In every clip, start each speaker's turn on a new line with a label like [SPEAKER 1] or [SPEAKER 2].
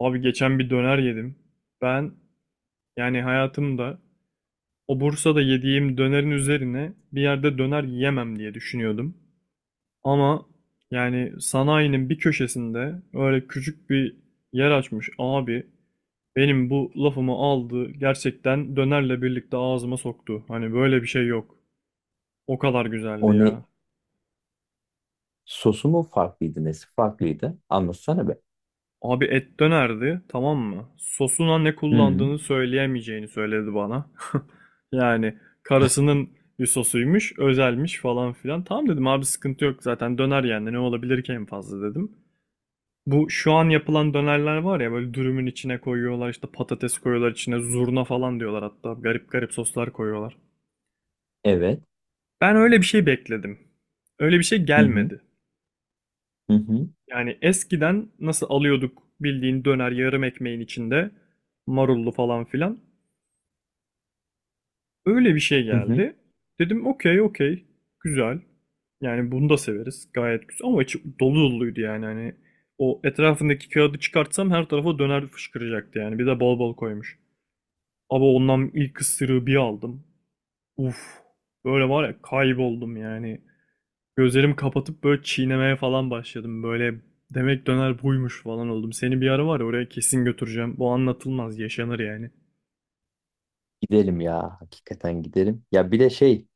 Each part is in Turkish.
[SPEAKER 1] Abi geçen bir döner yedim. Ben hayatımda o Bursa'da yediğim dönerin üzerine bir yerde döner yiyemem diye düşünüyordum. Ama sanayinin bir köşesinde öyle küçük bir yer açmış abi. Benim bu lafımı aldı gerçekten dönerle birlikte ağzıma soktu. Hani böyle bir şey yok. O kadar güzeldi
[SPEAKER 2] O ne
[SPEAKER 1] ya.
[SPEAKER 2] sosu mu farklıydı nesi farklıydı? Anlatsana be.
[SPEAKER 1] Abi et dönerdi, tamam mı? Sosuna ne
[SPEAKER 2] Hı,
[SPEAKER 1] kullandığını söyleyemeyeceğini söyledi bana. Yani karısının bir sosuymuş, özelmiş falan filan. Tamam dedim abi sıkıntı yok zaten döner yani ne olabilir ki en fazla dedim. Bu şu an yapılan dönerler var ya böyle dürümün içine koyuyorlar işte patates koyuyorlar içine zurna falan diyorlar hatta garip garip soslar koyuyorlar.
[SPEAKER 2] evet.
[SPEAKER 1] Ben öyle bir şey bekledim. Öyle bir şey
[SPEAKER 2] Hı hı.
[SPEAKER 1] gelmedi.
[SPEAKER 2] Hı hı.
[SPEAKER 1] Yani eskiden nasıl alıyorduk bildiğin döner yarım ekmeğin içinde marullu falan filan. Öyle bir şey
[SPEAKER 2] Hı hı.
[SPEAKER 1] geldi. Dedim okey okey güzel. Yani bunu da severiz. Gayet güzel ama içi dolu doluydu yani hani o etrafındaki kağıdı çıkartsam her tarafa döner fışkıracaktı yani. Bir de bol bol koymuş. Ama ondan ilk ısırığı bir aldım. Uf. Böyle var ya kayboldum yani. Gözlerimi kapatıp böyle çiğnemeye falan başladım. Böyle demek döner buymuş falan oldum. Seni bir ara var ya oraya kesin götüreceğim. Bu anlatılmaz, yaşanır yani.
[SPEAKER 2] Gidelim ya. Hakikaten gidelim. Ya bir de şey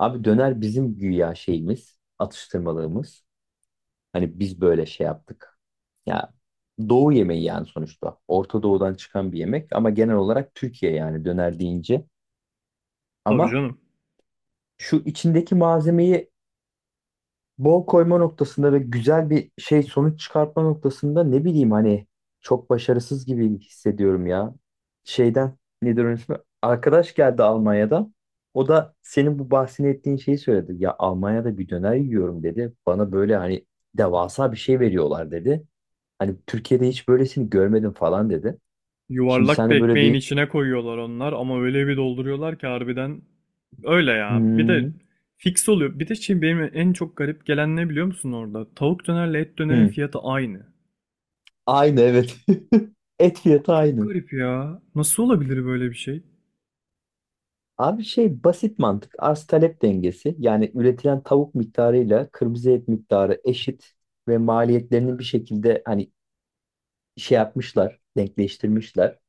[SPEAKER 2] abi döner bizim güya şeyimiz, atıştırmalığımız. Hani biz böyle şey yaptık. Ya Doğu yemeği yani sonuçta. Orta Doğu'dan çıkan bir yemek ama genel olarak Türkiye yani döner deyince.
[SPEAKER 1] Tabii
[SPEAKER 2] Ama
[SPEAKER 1] canım.
[SPEAKER 2] şu içindeki malzemeyi bol koyma noktasında ve güzel bir şey sonuç çıkartma noktasında ne bileyim hani çok başarısız gibi hissediyorum ya. Şeyden nedir onun ismi? Arkadaş geldi Almanya'dan. O da senin bu bahsini ettiğin şeyi söyledi. Ya Almanya'da bir döner yiyorum dedi. Bana böyle hani devasa bir şey veriyorlar dedi. Hani Türkiye'de hiç böylesini görmedim falan dedi. Şimdi
[SPEAKER 1] Yuvarlak
[SPEAKER 2] sen
[SPEAKER 1] bir
[SPEAKER 2] de böyle
[SPEAKER 1] ekmeğin
[SPEAKER 2] değil.
[SPEAKER 1] içine koyuyorlar onlar ama öyle bir dolduruyorlar ki harbiden öyle ya. Bir de
[SPEAKER 2] Hmm,
[SPEAKER 1] fix oluyor. Bir de şey benim en çok garip gelen ne biliyor musun orada? Tavuk dönerle et dönerin
[SPEAKER 2] hmm.
[SPEAKER 1] fiyatı aynı.
[SPEAKER 2] Aynı, evet. Et fiyatı
[SPEAKER 1] Çok
[SPEAKER 2] aynı.
[SPEAKER 1] garip ya. Nasıl olabilir böyle bir şey?
[SPEAKER 2] Abi şey basit mantık. Arz talep dengesi. Yani üretilen tavuk miktarıyla kırmızı et miktarı eşit ve maliyetlerini bir şekilde hani şey yapmışlar, denkleştirmişler.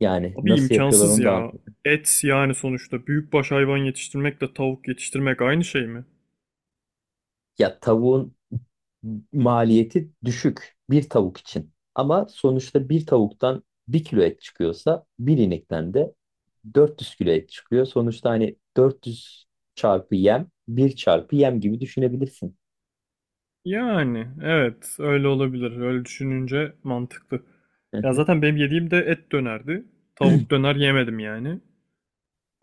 [SPEAKER 2] Yani
[SPEAKER 1] Abi
[SPEAKER 2] nasıl yapıyorlar
[SPEAKER 1] imkansız
[SPEAKER 2] onu da
[SPEAKER 1] ya.
[SPEAKER 2] anlamadım.
[SPEAKER 1] Et yani sonuçta büyükbaş hayvan yetiştirmekle tavuk yetiştirmek aynı şey mi?
[SPEAKER 2] Ya tavuğun maliyeti düşük bir tavuk için. Ama sonuçta bir tavuktan bir kilo et çıkıyorsa bir inekten de 400 kilo et çıkıyor. Sonuçta hani 400 çarpı yem, bir çarpı yem gibi düşünebilirsin.
[SPEAKER 1] Yani evet öyle olabilir. Öyle düşününce mantıklı.
[SPEAKER 2] Hı
[SPEAKER 1] Ya
[SPEAKER 2] hı.
[SPEAKER 1] zaten benim yediğim de et dönerdi. Tavuk döner yemedim yani.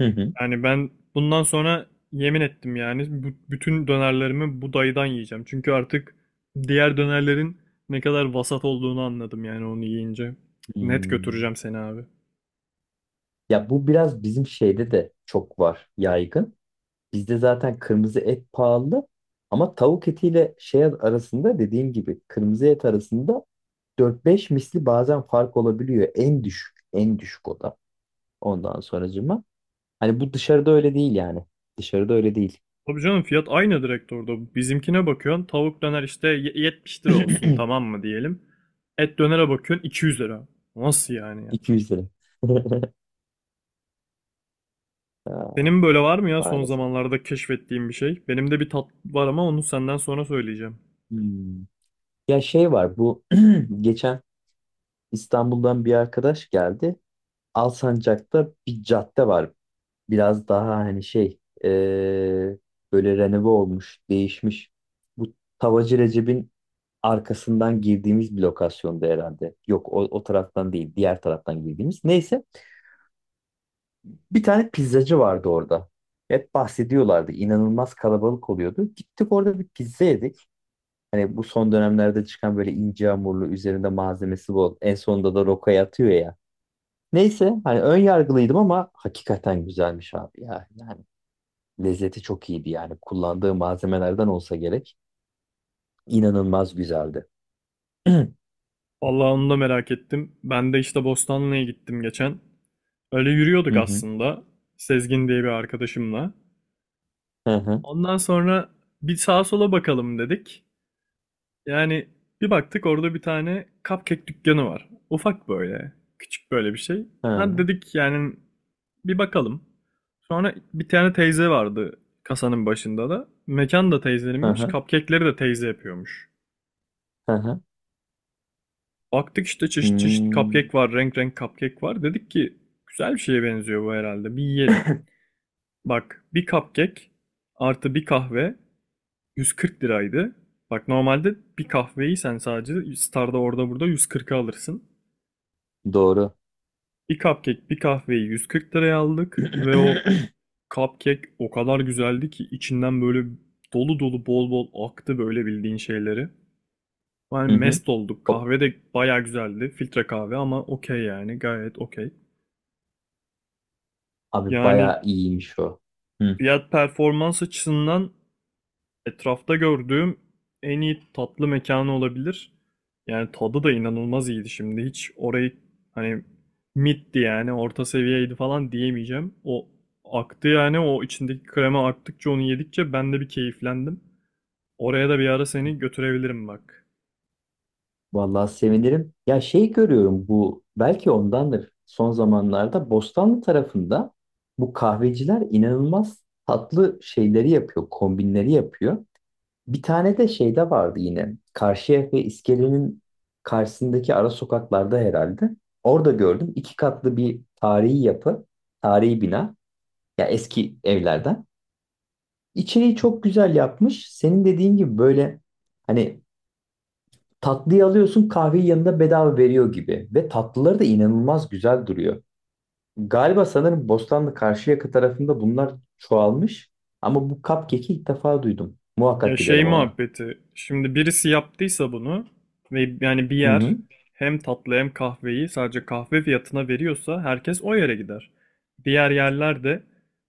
[SPEAKER 2] Hı hı.
[SPEAKER 1] Yani ben bundan sonra yemin ettim yani bütün dönerlerimi bu dayıdan yiyeceğim. Çünkü artık diğer dönerlerin ne kadar vasat olduğunu anladım yani onu yiyince. Net
[SPEAKER 2] Hmm.
[SPEAKER 1] götüreceğim seni abi.
[SPEAKER 2] Ya bu biraz bizim şeyde de çok var, yaygın. Bizde zaten kırmızı et pahalı ama tavuk etiyle şey arasında, dediğim gibi kırmızı et arasında dört beş misli bazen fark olabiliyor. En düşük, en düşük o da. Ondan sonracığıma. Hani bu dışarıda öyle değil yani. Dışarıda öyle değil.
[SPEAKER 1] Tabii canım fiyat aynı direkt orada. Bizimkine bakıyorsun tavuk döner işte 70 lira olsun tamam mı diyelim. Et dönere bakıyorsun 200 lira. Nasıl yani ya?
[SPEAKER 2] 200 lira. Aa,
[SPEAKER 1] Senin böyle var mı ya son
[SPEAKER 2] maalesef.
[SPEAKER 1] zamanlarda keşfettiğin bir şey? Benim de bir tat var ama onu senden sonra söyleyeceğim.
[SPEAKER 2] Hmm. Ya şey var, bu geçen İstanbul'dan bir arkadaş geldi. Alsancak'ta bir cadde var, biraz daha hani şey böyle renove olmuş, değişmiş. Bu Tavacı Recep'in arkasından girdiğimiz bir lokasyonda herhalde. Yok o, o taraftan değil, diğer taraftan girdiğimiz. Neyse bir tane pizzacı vardı orada. Hep bahsediyorlardı. İnanılmaz kalabalık oluyordu. Gittik, orada bir pizza yedik. Hani bu son dönemlerde çıkan böyle ince hamurlu, üzerinde malzemesi bol. En sonunda da rokaya atıyor ya. Neyse, hani ön yargılıydım ama hakikaten güzelmiş abi ya. Yani lezzeti çok iyiydi yani. Kullandığı malzemelerden olsa gerek. İnanılmaz güzeldi. Hı
[SPEAKER 1] Vallahi onu da merak ettim. Ben de işte Bostanlı'ya gittim geçen. Öyle yürüyorduk
[SPEAKER 2] hı.
[SPEAKER 1] aslında. Sezgin diye bir arkadaşımla.
[SPEAKER 2] Hı hı.
[SPEAKER 1] Ondan sonra bir sağa sola bakalım dedik. Yani bir baktık orada bir tane cupcake dükkanı var. Ufak böyle. Küçük böyle bir şey.
[SPEAKER 2] Hı
[SPEAKER 1] Hadi
[SPEAKER 2] hı.
[SPEAKER 1] dedik yani bir bakalım. Sonra bir tane teyze vardı kasanın başında da. Mekan da
[SPEAKER 2] Hı
[SPEAKER 1] teyzeninmiş.
[SPEAKER 2] hı.
[SPEAKER 1] Cupcake'leri de teyze yapıyormuş.
[SPEAKER 2] Hı hı.
[SPEAKER 1] Baktık işte çeşit çeşit
[SPEAKER 2] Hmm.
[SPEAKER 1] cupcake var. Renk renk cupcake var. Dedik ki güzel bir şeye benziyor bu herhalde. Bir yiyelim. Bak bir cupcake artı bir kahve 140 liraydı. Bak normalde bir kahveyi sen sadece Star'da orada burada 140'a alırsın.
[SPEAKER 2] Doğru.
[SPEAKER 1] Bir cupcake, bir kahveyi 140 liraya aldık ve o cupcake o kadar güzeldi ki içinden böyle dolu dolu bol bol aktı böyle bildiğin şeyleri. Yani
[SPEAKER 2] Hı hı.
[SPEAKER 1] mest olduk.
[SPEAKER 2] Hop.
[SPEAKER 1] Kahve de baya güzeldi. Filtre kahve ama okey yani gayet okey.
[SPEAKER 2] Abi
[SPEAKER 1] Yani
[SPEAKER 2] bayağı iyiymiş o. Hı.
[SPEAKER 1] fiyat performans açısından etrafta gördüğüm en iyi tatlı mekanı olabilir. Yani tadı da inanılmaz iyiydi şimdi. Hiç orayı hani middi yani orta seviyeydi falan diyemeyeceğim. O aktı yani o içindeki krema aktıkça onu yedikçe ben de bir keyiflendim. Oraya da bir ara seni götürebilirim bak.
[SPEAKER 2] Vallahi sevinirim. Ya şey görüyorum, bu belki ondandır. Son zamanlarda Bostanlı tarafında bu kahveciler inanılmaz tatlı şeyleri yapıyor, kombinleri yapıyor. Bir tane de şeyde vardı yine. Karşıyaka iskelenin karşısındaki ara sokaklarda herhalde. Orada gördüm. İki katlı bir tarihi yapı, tarihi bina. Ya eski evlerden. İçeriği çok güzel yapmış. Senin dediğin gibi böyle hani tatlıyı alıyorsun, kahveyi yanında bedava veriyor gibi. Ve tatlıları da inanılmaz güzel duruyor. Galiba, sanırım Bostanlı Karşıyaka tarafında bunlar çoğalmış. Ama bu cupcake'i ilk defa duydum.
[SPEAKER 1] Ya
[SPEAKER 2] Muhakkak
[SPEAKER 1] şey
[SPEAKER 2] gidelim ona.
[SPEAKER 1] muhabbeti. Şimdi birisi yaptıysa bunu ve yani bir
[SPEAKER 2] Hı
[SPEAKER 1] yer
[SPEAKER 2] hı.
[SPEAKER 1] hem tatlı hem kahveyi sadece kahve fiyatına veriyorsa herkes o yere gider. Diğer yerler de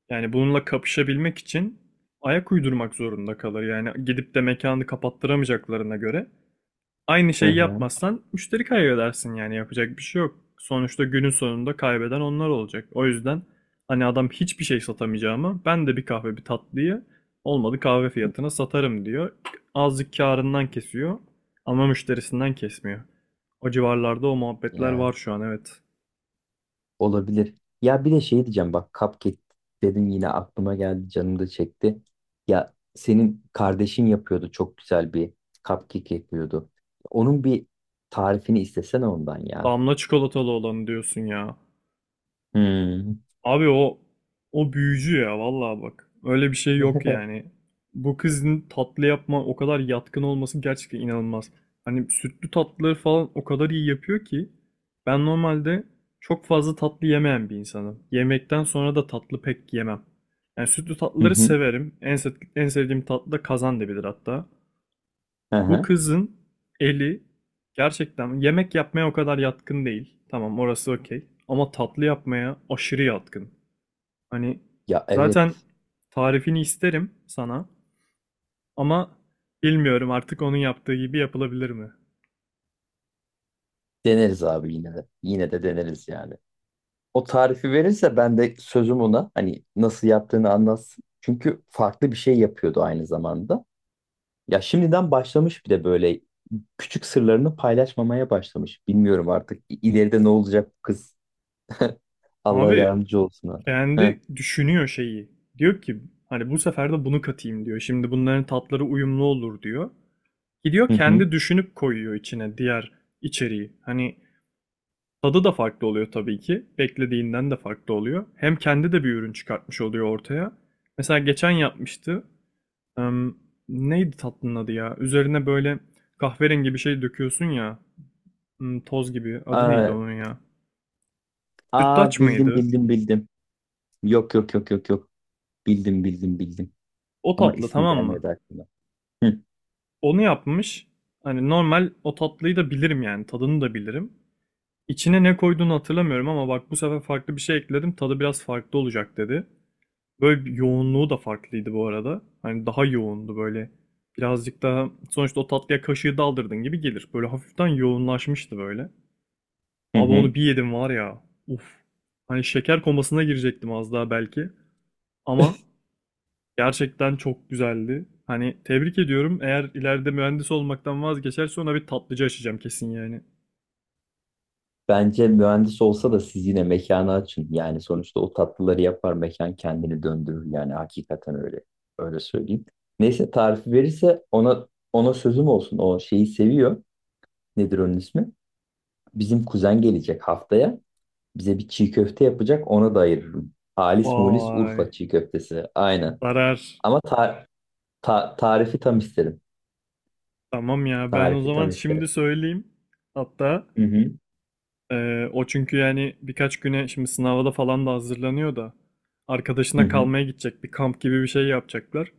[SPEAKER 1] yani bununla kapışabilmek için ayak uydurmak zorunda kalır. Yani gidip de mekanı kapattıramayacaklarına göre aynı
[SPEAKER 2] Hı
[SPEAKER 1] şeyi
[SPEAKER 2] hı.
[SPEAKER 1] yapmazsan müşteri kaybedersin yani yapacak bir şey yok. Sonuçta günün sonunda kaybeden onlar olacak. O yüzden hani adam hiçbir şey satamayacağıma ben de bir kahve bir tatlıyı olmadı kahve fiyatına satarım diyor. Azıcık karından kesiyor ama müşterisinden kesmiyor. O civarlarda o muhabbetler
[SPEAKER 2] Ya.
[SPEAKER 1] var şu an evet.
[SPEAKER 2] Olabilir. Ya bir de şey diyeceğim bak, cupcake dedin yine aklıma geldi, canım da çekti. Ya senin kardeşin yapıyordu, çok güzel bir cupcake yapıyordu. Onun bir tarifini istesene ondan ya.
[SPEAKER 1] Damla çikolatalı olanı diyorsun ya.
[SPEAKER 2] Hmm.
[SPEAKER 1] Abi o büyücü ya vallahi bak. Öyle bir şey yok yani. Bu kızın tatlı yapma o kadar yatkın olması gerçekten inanılmaz. Hani sütlü tatlıları falan o kadar iyi yapıyor ki ben normalde çok fazla tatlı yemeyen bir insanım. Yemekten sonra da tatlı pek yemem. Yani sütlü
[SPEAKER 2] Hı
[SPEAKER 1] tatlıları
[SPEAKER 2] hı.
[SPEAKER 1] severim. En sevdiğim tatlı da kazandibidir hatta.
[SPEAKER 2] Hı
[SPEAKER 1] Bu
[SPEAKER 2] hı.
[SPEAKER 1] kızın eli gerçekten yemek yapmaya o kadar yatkın değil. Tamam orası okey. Ama tatlı yapmaya aşırı yatkın. Hani
[SPEAKER 2] Ya evet,
[SPEAKER 1] zaten tarifini isterim sana ama bilmiyorum artık onun yaptığı gibi yapılabilir mi?
[SPEAKER 2] deneriz abi yine de. Yine de deneriz yani. O tarifi verirse ben de sözüm ona hani nasıl yaptığını anlatsın. Çünkü farklı bir şey yapıyordu aynı zamanda. Ya şimdiden başlamış bir de böyle küçük sırlarını paylaşmamaya başlamış. Bilmiyorum artık ileride ne olacak bu kız. Allah
[SPEAKER 1] Abi
[SPEAKER 2] yardımcı olsun. Ha. Hı
[SPEAKER 1] kendi düşünüyor şeyi. Diyor ki hani bu sefer de bunu katayım diyor. Şimdi bunların tatları uyumlu olur diyor. Gidiyor
[SPEAKER 2] hı. Hı.
[SPEAKER 1] kendi düşünüp koyuyor içine diğer içeriği. Hani tadı da farklı oluyor tabii ki. Beklediğinden de farklı oluyor. Hem kendi de bir ürün çıkartmış oluyor ortaya. Mesela geçen yapmıştı. Em, Neydi tatlının adı ya? Üzerine böyle kahverengi bir şey döküyorsun ya. Hmm, toz gibi. Adı neydi
[SPEAKER 2] Aa,
[SPEAKER 1] onun ya?
[SPEAKER 2] aa,
[SPEAKER 1] Sütlaç
[SPEAKER 2] bildim
[SPEAKER 1] mıydı?
[SPEAKER 2] bildim bildim. Yok. Bildim.
[SPEAKER 1] O
[SPEAKER 2] Ama
[SPEAKER 1] tatlı
[SPEAKER 2] ismi
[SPEAKER 1] tamam mı?
[SPEAKER 2] gelmedi aklıma. Hı
[SPEAKER 1] Onu yapmış. Hani normal o tatlıyı da bilirim yani. Tadını da bilirim. İçine ne koyduğunu hatırlamıyorum ama bak bu sefer farklı bir şey ekledim. Tadı biraz farklı olacak dedi. Böyle bir yoğunluğu da farklıydı bu arada. Hani daha yoğundu böyle. Birazcık daha sonuçta o tatlıya kaşığı daldırdın gibi gelir. Böyle hafiften yoğunlaşmıştı böyle.
[SPEAKER 2] hı.
[SPEAKER 1] Abi
[SPEAKER 2] Hı.
[SPEAKER 1] onu bir yedim var ya. Uf. Hani şeker komasına girecektim az daha belki. Ama gerçekten çok güzeldi. Hani tebrik ediyorum. Eğer ileride mühendis olmaktan vazgeçerse ona bir tatlıcı açacağım kesin yani.
[SPEAKER 2] Bence mühendis olsa da siz yine mekanı açın. Yani sonuçta o tatlıları yapar, mekan kendini döndürür. Yani hakikaten öyle. Öyle söyleyeyim. Neyse, tarifi verirse ona, ona sözüm olsun. O şeyi seviyor. Nedir onun ismi? Bizim kuzen gelecek haftaya. Bize bir çiğ köfte yapacak. Ona da ayırırım. Halis mulis
[SPEAKER 1] Vay.
[SPEAKER 2] Urfa çiğ köftesi. Aynen.
[SPEAKER 1] Zarar.
[SPEAKER 2] Ama tarifi tam isterim.
[SPEAKER 1] Tamam ya ben o
[SPEAKER 2] Tarifi
[SPEAKER 1] zaman
[SPEAKER 2] tam
[SPEAKER 1] şimdi
[SPEAKER 2] isterim.
[SPEAKER 1] söyleyeyim. Hatta
[SPEAKER 2] Hı hı.
[SPEAKER 1] O çünkü yani birkaç güne şimdi sınava da falan da hazırlanıyor da
[SPEAKER 2] Hı
[SPEAKER 1] arkadaşına
[SPEAKER 2] hı.
[SPEAKER 1] kalmaya gidecek bir kamp gibi bir şey yapacaklar.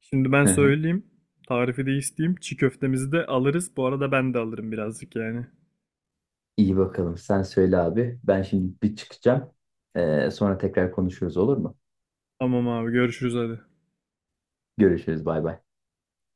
[SPEAKER 1] Şimdi ben
[SPEAKER 2] Hı hı.
[SPEAKER 1] söyleyeyim tarifi de isteyeyim çiğ köftemizi de alırız bu arada ben de alırım birazcık yani.
[SPEAKER 2] İyi bakalım. Sen söyle abi. Ben şimdi bir çıkacağım. Sonra tekrar konuşuruz, olur mu?
[SPEAKER 1] Tamam abi görüşürüz hadi.
[SPEAKER 2] Görüşürüz. Bay bay.